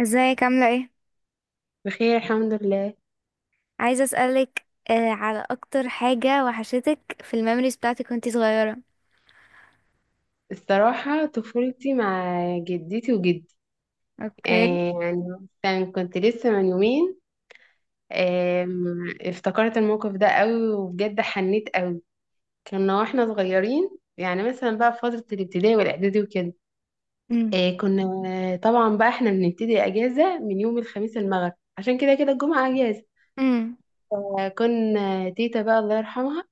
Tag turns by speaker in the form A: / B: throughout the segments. A: ازيك عاملة ايه؟
B: بخير الحمد لله.
A: عايزة اسألك على اكتر حاجة وحشتك في الميموريز بتاعتك وانتي صغيرة.
B: الصراحة طفولتي مع جدتي وجدي.
A: اوكي.
B: يعني مثلا كنت لسه من يومين. افتكرت الموقف ده قوي وبجد حنيت قوي. كنا واحنا صغيرين، يعني مثلا بقى في فترة الابتدائي والإعدادي وكده.
A: امم.
B: آه، كنا طبعا بقى احنا بنبتدي أجازة من يوم الخميس المغرب، عشان كده كده الجمعة أجازة.
A: امم.
B: كنا تيتا بقى الله يرحمها،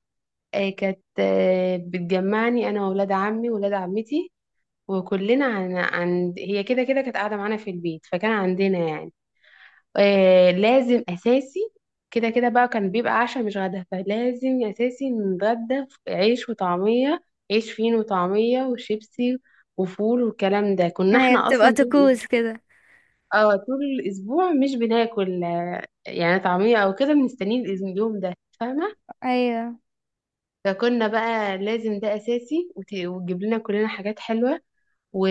B: كانت بتجمعني انا واولاد عمي واولاد عمتي. وكلنا هي كده كده كانت قاعدة معانا في البيت، فكان عندنا يعني لازم أساسي. كده كده بقى كان بيبقى عشاء مش غدا، فلازم أساسي نتغدى في عيش وطعمية. عيش فين وطعمية وشيبسي وفول والكلام ده. كنا
A: ايوه،
B: احنا
A: بتبقى
B: أصلا طول،
A: طقوس كده.
B: اه طول الأسبوع مش بناكل يعني طعمية أو كده، بنستنيه اليوم ده، فاهمة؟
A: ايوه.
B: فكنا بقى لازم ده أساسي، وتجيب لنا كلنا حاجات حلوة. و...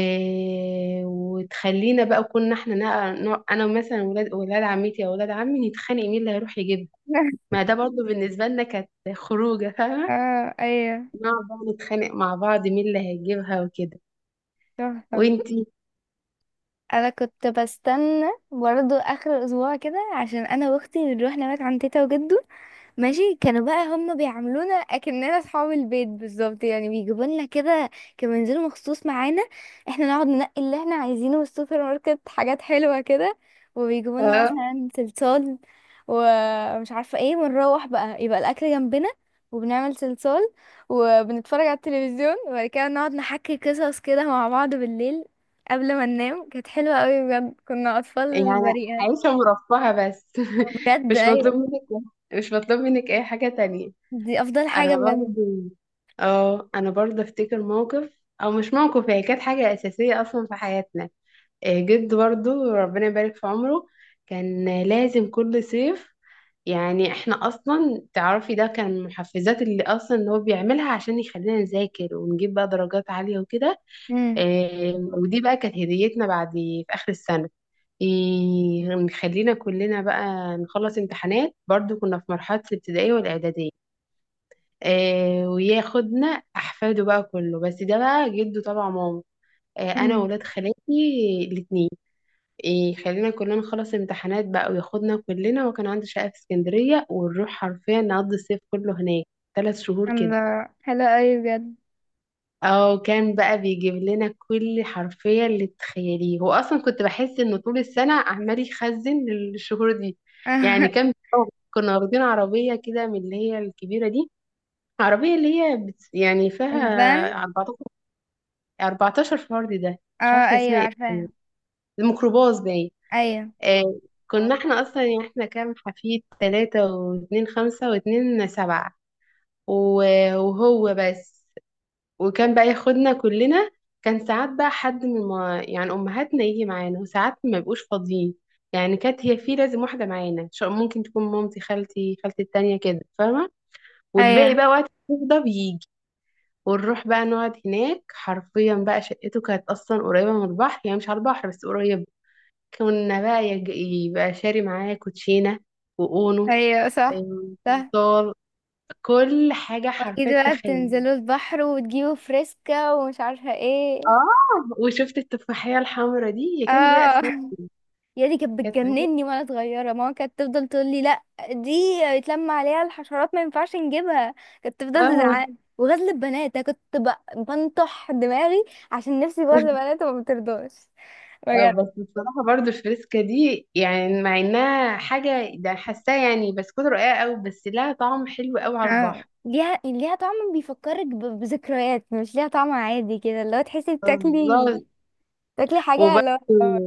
B: وتخلينا بقى، كنا احنا انا مثلا ولاد عمتي او ولاد عمي نتخانق مين اللي هيروح يجيبها. ما ده برضو بالنسبه لنا كانت خروجه، فاهمه؟
A: اه، ايوه.
B: نقعد بقى نتخانق مع بعض مين اللي هيجيبها وكده.
A: تحفة.
B: وانتي؟
A: انا كنت بستنى برضه اخر الاسبوع كده عشان انا واختي بنروح نبات عند تيتا وجدو. ماشي، كانوا بقى هم بيعاملونا اكننا اصحاب البيت بالظبط، يعني بيجيبوا لنا كده. كانوا ينزلوا مخصوص معانا. احنا نقعد ننقي اللي احنا عايزينه من السوبر ماركت، حاجات حلوة كده. وبيجيبوا لنا
B: اه،
A: مثلا صلصال ومش عارفة ايه، ونروح بقى يبقى الاكل جنبنا. وبنعمل صلصال وبنتفرج على التلفزيون، وبعد كده نقعد نحكي قصص كده مع بعض بالليل قبل ما ننام. كانت حلوة قوي بجد، كنا اطفال
B: يعني
A: بريئة.
B: عايشه مرفهه بس
A: بجد
B: مش
A: ايوه.
B: مطلوب منك مش مطلوب منك اي حاجه تانية.
A: دي افضل حاجة
B: انا
A: بجد.
B: برضو، اه انا برضو افتكر موقف او مش موقف، هي كانت حاجه اساسيه اصلا في حياتنا. جد برضو ربنا يبارك في عمره، كان لازم كل صيف، يعني احنا اصلا تعرفي ده كان من المحفزات اللي هو بيعملها عشان يخلينا نذاكر ونجيب بقى درجات عالية وكده.
A: مم.
B: ودي بقى كانت هديتنا بعد في اخر السنة. نخلينا كلنا بقى نخلص امتحانات، برضو كنا في مرحلة الابتدائية والإعدادية. آه، وياخدنا أحفاده بقى كله، بس ده بقى جده طبعا ماما. أنا
A: مم.
B: وولاد خالاتي الاتنين، يخلينا كلنا نخلص امتحانات بقى وياخدنا كلنا. وكان عنده شقة في اسكندرية ونروح حرفيا نقضي الصيف كله هناك، 3 شهور كده.
A: الله، حلو قوي بجد.
B: او كان بقى بيجيب لنا كل حرفيا اللي تتخيليه، هو اصلا كنت بحس انه طول السنة عمال يخزن للشهور دي. يعني كان كنا واخدين عربية كده من اللي هي الكبيرة دي، عربية اللي هي يعني فيها
A: البان.
B: 14 14 فرد، ده مش
A: اه
B: عارفة
A: ايوه،
B: اسمها ايه،
A: عارفاها.
B: الميكروباص باين.
A: ايوه.
B: آه، كنا احنا اصلا، يعني احنا كام حفيد؟ ثلاثة واتنين خمسة، واتنين سبعة، وهو بس. وكان بقى ياخدنا كلنا. كان ساعات بقى حد من، ما يعني امهاتنا يجي معانا، وساعات ما يبقوش فاضيين. يعني كانت هي في لازم واحدة معانا، ممكن تكون مامتي، خالتي التانية كده، فاهمة؟ والباقي
A: ايوه.
B: بقى وقت ده بيجي. ونروح بقى نقعد هناك حرفيا. بقى شقته كانت اصلا قريبة من البحر، يعني مش على البحر بس قريبة. كنا بقى يبقى شاري معايا كوتشينة وأونو،
A: ايوه صح. صح.
B: صار كل حاجة
A: واكيد
B: حرفيا،
A: بقى
B: تخيل.
A: بتنزلوا البحر وتجيبوا فريسكا ومش عارفه ايه.
B: اه وشفت التفاحية الحمراء دي، هي كان بيها
A: اه.
B: أسماك،
A: يا دي كانت
B: كانت بتبيع-
A: بتجنني وانا صغيره، ماما كانت تفضل تقول لي لا. دي يتلم عليها الحشرات ما ينفعش نجيبها. كانت تفضل
B: اه.
A: تزعل. وغزل البنات انا كنت بنطح دماغي عشان نفسي في غزل البنات وما بترضاش. بجد.
B: بس بصراحة برضو الفريسكا دي يعني، مع انها حاجة ده حاساها يعني بسكوت رقيقة قوي، بس لها طعم حلو قوي على
A: اه،
B: البحر.
A: ليها طعم بيفكرك بذكريات، مش ليها طعم عادي كده اللي هو تحسي
B: بالظبط.
A: بتاكلي. تاكلي حاجة،
B: وبرضو
A: اللي هو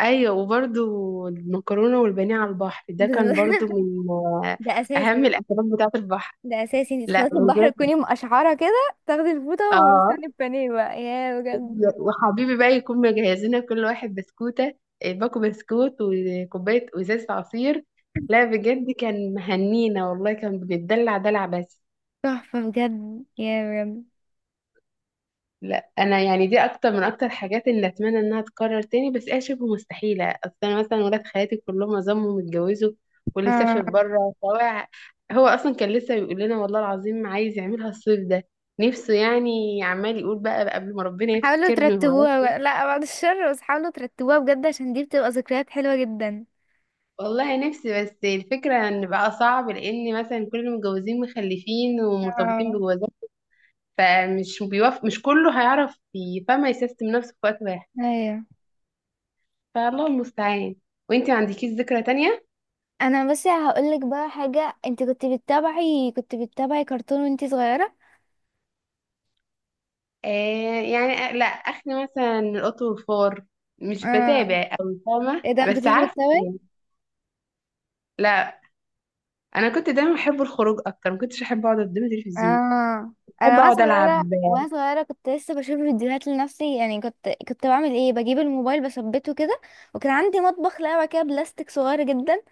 B: ايوه، وبرضو المكرونة والبانيه على البحر
A: بز-
B: ده كان برضو من
A: ده
B: اهم
A: أساسي.
B: الاكلات بتاعة البحر.
A: ده أساسي، انتي
B: لا
A: تخلصي البحر
B: والباقي،
A: تكوني مقشعرة كده تاخدي الفوطة
B: اه،
A: وتستني البانيه بقى، يا بجد.
B: وحبيبي بقى يكون مجهزين لنا كل واحد بسكوتة، باكو بسكوت وكوباية وإزازة عصير. لا بجد كان مهنينا والله، كان بنتدلع دلع بس.
A: تحفة بجد، يا بجد،
B: لا انا يعني دي اكتر حاجات اللي اتمنى انها تتكرر تاني، بس هي شبه مستحيله. اصل انا مثلا ولاد خالاتي كلهم ظلموا متجوزوا، واللي
A: اه.
B: سافر بره سواء. هو اصلا كان لسه بيقول لنا والله العظيم عايز يعملها الصيف ده، نفسه يعني، عمال يقول بقى قبل ما ربنا
A: حاولوا
B: يفتكرني.
A: ترتبوها بقى. لا، بعد الشر، بس حاولوا ترتبوها بجد عشان دي بتبقى ذكريات حلوة جدا.
B: والله نفسي، بس الفكرة ان بقى صعب، لان مثلا كل المتجوزين مخلفين ومرتبطين
A: اه
B: بجوازات، فمش بيوافق، مش كله هيعرف فما يسيستم نفسه في وقت واحد.
A: ايوه.
B: فالله المستعان. وانتي ما عندكيش ذكرى تانية؟
A: انا بس هقولك بقى حاجة، انت كنت بتتابعي كرتون وانت صغيرة.
B: آه، يعني لا اخلي مثلا القط والفار، مش
A: اه،
B: بتابع او فاهمة
A: ايه ده ما
B: بس
A: كنتيش
B: عارفة
A: بتسوي؟
B: يعني. لا انا كنت دايما بحب الخروج، اكتر ما كنتش احب اقعد قدام التلفزيون،
A: اه، انا
B: بحب
A: وانا
B: اقعد العب
A: صغيره وانا صغيره كنت لسه بشوف فيديوهات لنفسي، يعني كنت بعمل ايه، بجيب الموبايل بثبته كده. وكان عندي مطبخ لعبه كده بلاستيك صغير جدا.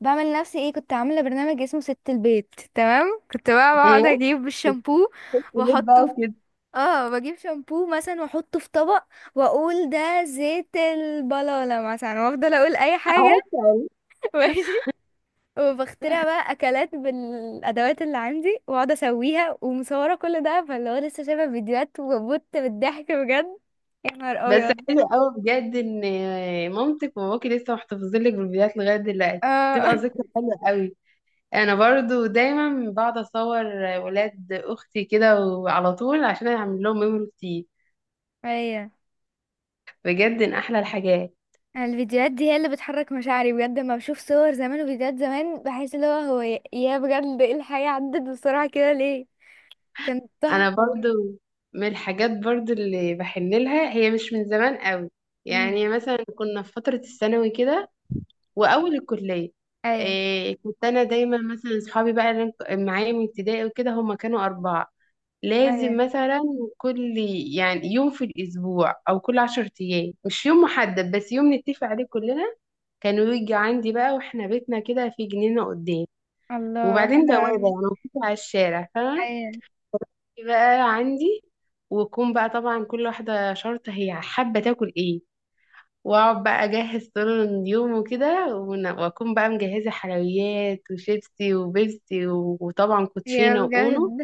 A: بعمل لنفسي ايه، كنت عامله برنامج اسمه ست البيت، تمام. كنت بقى بقعد
B: آه،
A: اجيب الشامبو
B: في البيت بقى
A: واحطه في،
B: وكده،
A: اه، بجيب شامبو مثلا واحطه في طبق واقول ده زيت البلالة مثلا، وافضل اقول اي حاجه.
B: عارفة؟
A: وبخترع بقى اكلات بالادوات اللي عندي واقعد اسويها ومصوره كل ده، فاللي هو لسه شايفه فيديوهات وبت بالضحك بجد. يا نهار
B: بس
A: ابيض.
B: حلو قوي بجد ان مامتك وباباكي لسه محتفظين لك بالفيديوهات لغايه دلوقتي،
A: اه.
B: بتبقى ذكرى حلوه قوي. انا برضو دايما بقعد اصور ولاد اختي كده وعلى طول، عشان اعمل لهم ميموري كتير،
A: ايوه.
B: بجد ان احلى الحاجات.
A: الفيديوهات دي هي اللي بتحرك مشاعري بجد. لما بشوف صور زمان وفيديوهات زمان بحس اللي هو هو، يا بجد، ايه الحياه عدت بسرعه كده ليه. كانت
B: انا
A: تحفه.
B: برضو من الحاجات برضو اللي بحن لها، هي مش من زمان قوي،
A: امم.
B: يعني مثلا كنا في فتره الثانوي كده واول الكليه.
A: ايوه.
B: إيه، كنت انا دايما مثلا اصحابي بقى اللي أنا معايا من ابتدائي وكده، هم كانوا 4. لازم
A: ايوه.
B: مثلا كل يعني يوم في الأسبوع أو كل 10 أيام، مش يوم محدد بس يوم نتفق عليه كلنا. كانوا يجي عندي بقى، واحنا بيتنا كده في جنينة قدام،
A: الله
B: وبعدين
A: حلو
B: بوابة
A: أوي.
B: يعني مفتوحة على الشارع، فاهمة؟
A: ايوه.
B: بقى عندي، ويكون بقى طبعا كل واحدة شرطة هي حابة تاكل ايه، واقعد بقى اجهز طول اليوم وكده. واكون بقى مجهزة حلويات وشيبسي وبيبسي وطبعا
A: هي
B: كوتشينة واونو.
A: بجد.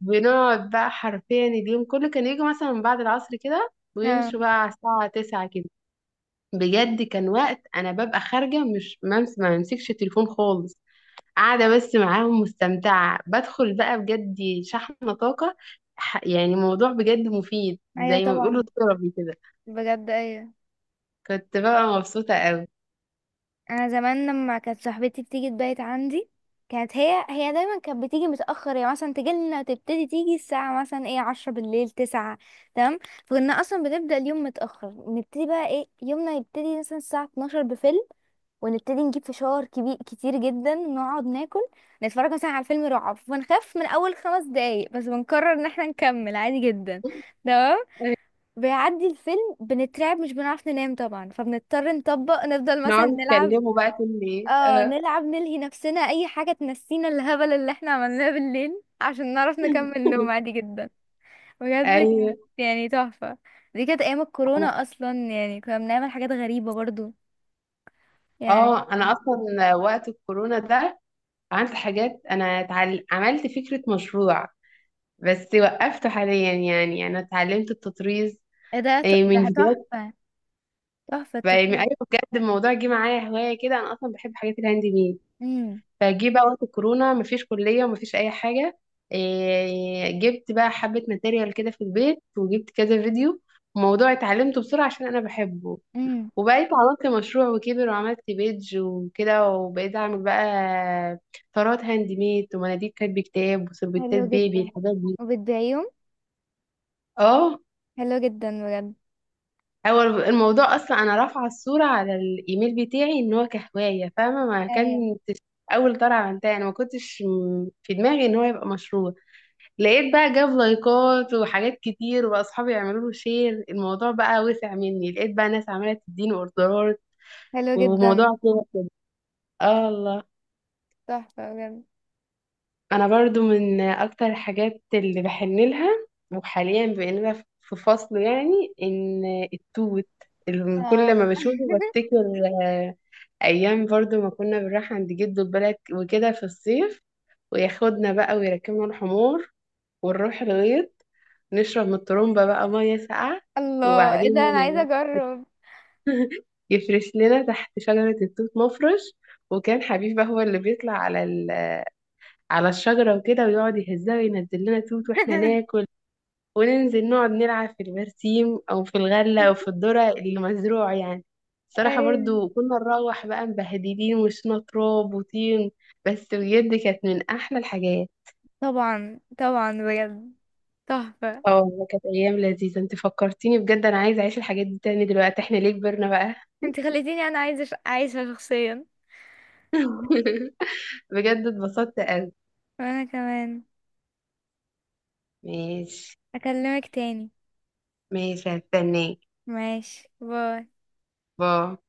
B: بنقعد بقى حرفيا اليوم كله، كان يجي مثلا من بعد العصر كده
A: اه
B: ويمشوا بقى على الساعة 9 كده. بجد كان وقت أنا ببقى خارجة مش ممس، ما بمسكش التليفون خالص، قاعدة بس معاهم مستمتعة، بدخل بقى بجد شحنة طاقة. يعني موضوع بجد مفيد،
A: ايوه.
B: زي ما بيقولوا
A: طبعا
B: ثيرابي كده.
A: بجد. ايوه.
B: كنت بقى مبسوطة قوي.
A: انا زمان لما كانت صاحبتي بتيجي تبيت عندي، كانت هي دايما كانت بتيجي متاخر، يعني مثلا تجي لنا تبتدي تيجي الساعه مثلا ايه عشرة بالليل، تسعة. تمام. فكنا اصلا بنبدا اليوم متاخر، نبتدي بقى ايه يومنا يبتدي مثلا الساعه 12 بفيلم. ونبتدي نجيب فشار كبير كتير جدا نقعد ناكل. نتفرج مثلا على فيلم رعب ونخاف من اول خمس دقايق، بس بنقرر ان احنا نكمل عادي جدا. تمام. بيعدي الفيلم بنترعب مش بنعرف ننام طبعا، فبنضطر نطبق نفضل مثلا
B: نقعد
A: نلعب.
B: نتكلموا بقى كل ايه،
A: اه،
B: اه
A: نلعب نلهي نفسنا اي حاجة تنسينا الهبل اللي احنا عملناه بالليل عشان نعرف نكمل نوم عادي جدا. بجد
B: ايوه.
A: كانت يعني تحفة. دي كانت ايام الكورونا اصلا، يعني كنا بنعمل حاجات غريبة برضو يعني.
B: اه انا اصلا وقت الكورونا ده عملت حاجات، انا عملت فكرة مشروع، بس وقفته حاليا. يعني يعني انا اتعلمت التطريز،
A: إيه ده،
B: من
A: ده
B: فيديوهات.
A: تحفة. تحفة التطبيق.
B: ايوه، بجد الموضوع جه معايا هواية كده. انا اصلا بحب حاجات الهاند ميد،
A: امم.
B: فجه بقى وقت الكورونا مفيش كلية ومفيش اي حاجة، جبت بقى حبة ماتيريال كده في البيت وجبت كذا فيديو، موضوع اتعلمته بسرعة عشان انا بحبه.
A: امم.
B: وبقيت عملت مشروع وكبر، وعملت بيدج وكده، وبقيت اعمل بقى طرات هاند ميد ومناديل كاتب كتاب وسربتات
A: حلو
B: بيبي،
A: جدا.
B: الحاجات دي.
A: وبتضايقهم.
B: اه،
A: حلو جدا بجد.
B: هو الموضوع اصلا انا رافعه الصوره على الايميل بتاعي، ان هو كهوايه، فاهمه؟ ما
A: ايوه.
B: كان اول طرعه عملتها انا ما كنتش في دماغي ان هو يبقى مشروع، لقيت بقى جاب لايكات وحاجات كتير، واصحابي يعملوا له شير، الموضوع بقى وسع مني، لقيت بقى ناس عماله تديني اوردرات،
A: حلو
B: وموضوع
A: جدا.
B: كده كده. اه، الله.
A: تحفة بجد.
B: انا برضو من اكتر الحاجات اللي بحن لها، وحاليا بقينا في فصل يعني، ان التوت اللي
A: اه.
B: كل ما بشوفه بفتكر. آه، ايام برضو ما كنا بنروح عند جده البلد وكده في الصيف، وياخدنا بقى ويركبنا الحمار ونروح الغيط، نشرب من الطرمبة بقى مية ساقعة.
A: الله ايه
B: وبعدين
A: ده، انا عايزة اجرب.
B: يفرش لنا تحت شجرة التوت مفرش، وكان حبيب بقى هو اللي بيطلع على الشجرة وكده، ويقعد يهزها وينزل لنا توت واحنا ناكل، وننزل نقعد نلعب في البرسيم او في الغلة او في الذرة اللي مزروع يعني. الصراحة
A: ايوه
B: برضو كنا نروح بقى مبهدلين، وشنا تراب وطين، بس بجد كانت من احلى الحاجات.
A: طبعا. طبعا بجد. تحفة.
B: اه والله كانت ايام لذيذة، انت فكرتيني بجد، انا عايزة اعيش الحاجات دي تاني دلوقتي، احنا ليه كبرنا بقى؟
A: انت خليتيني انا عايزة عايشة شخصيا.
B: بجد اتبسطت قوي.
A: وانا كمان.
B: ماشي.
A: اكلمك تاني.
B: ماشي هستناك.
A: ماشي، باي.
B: باي.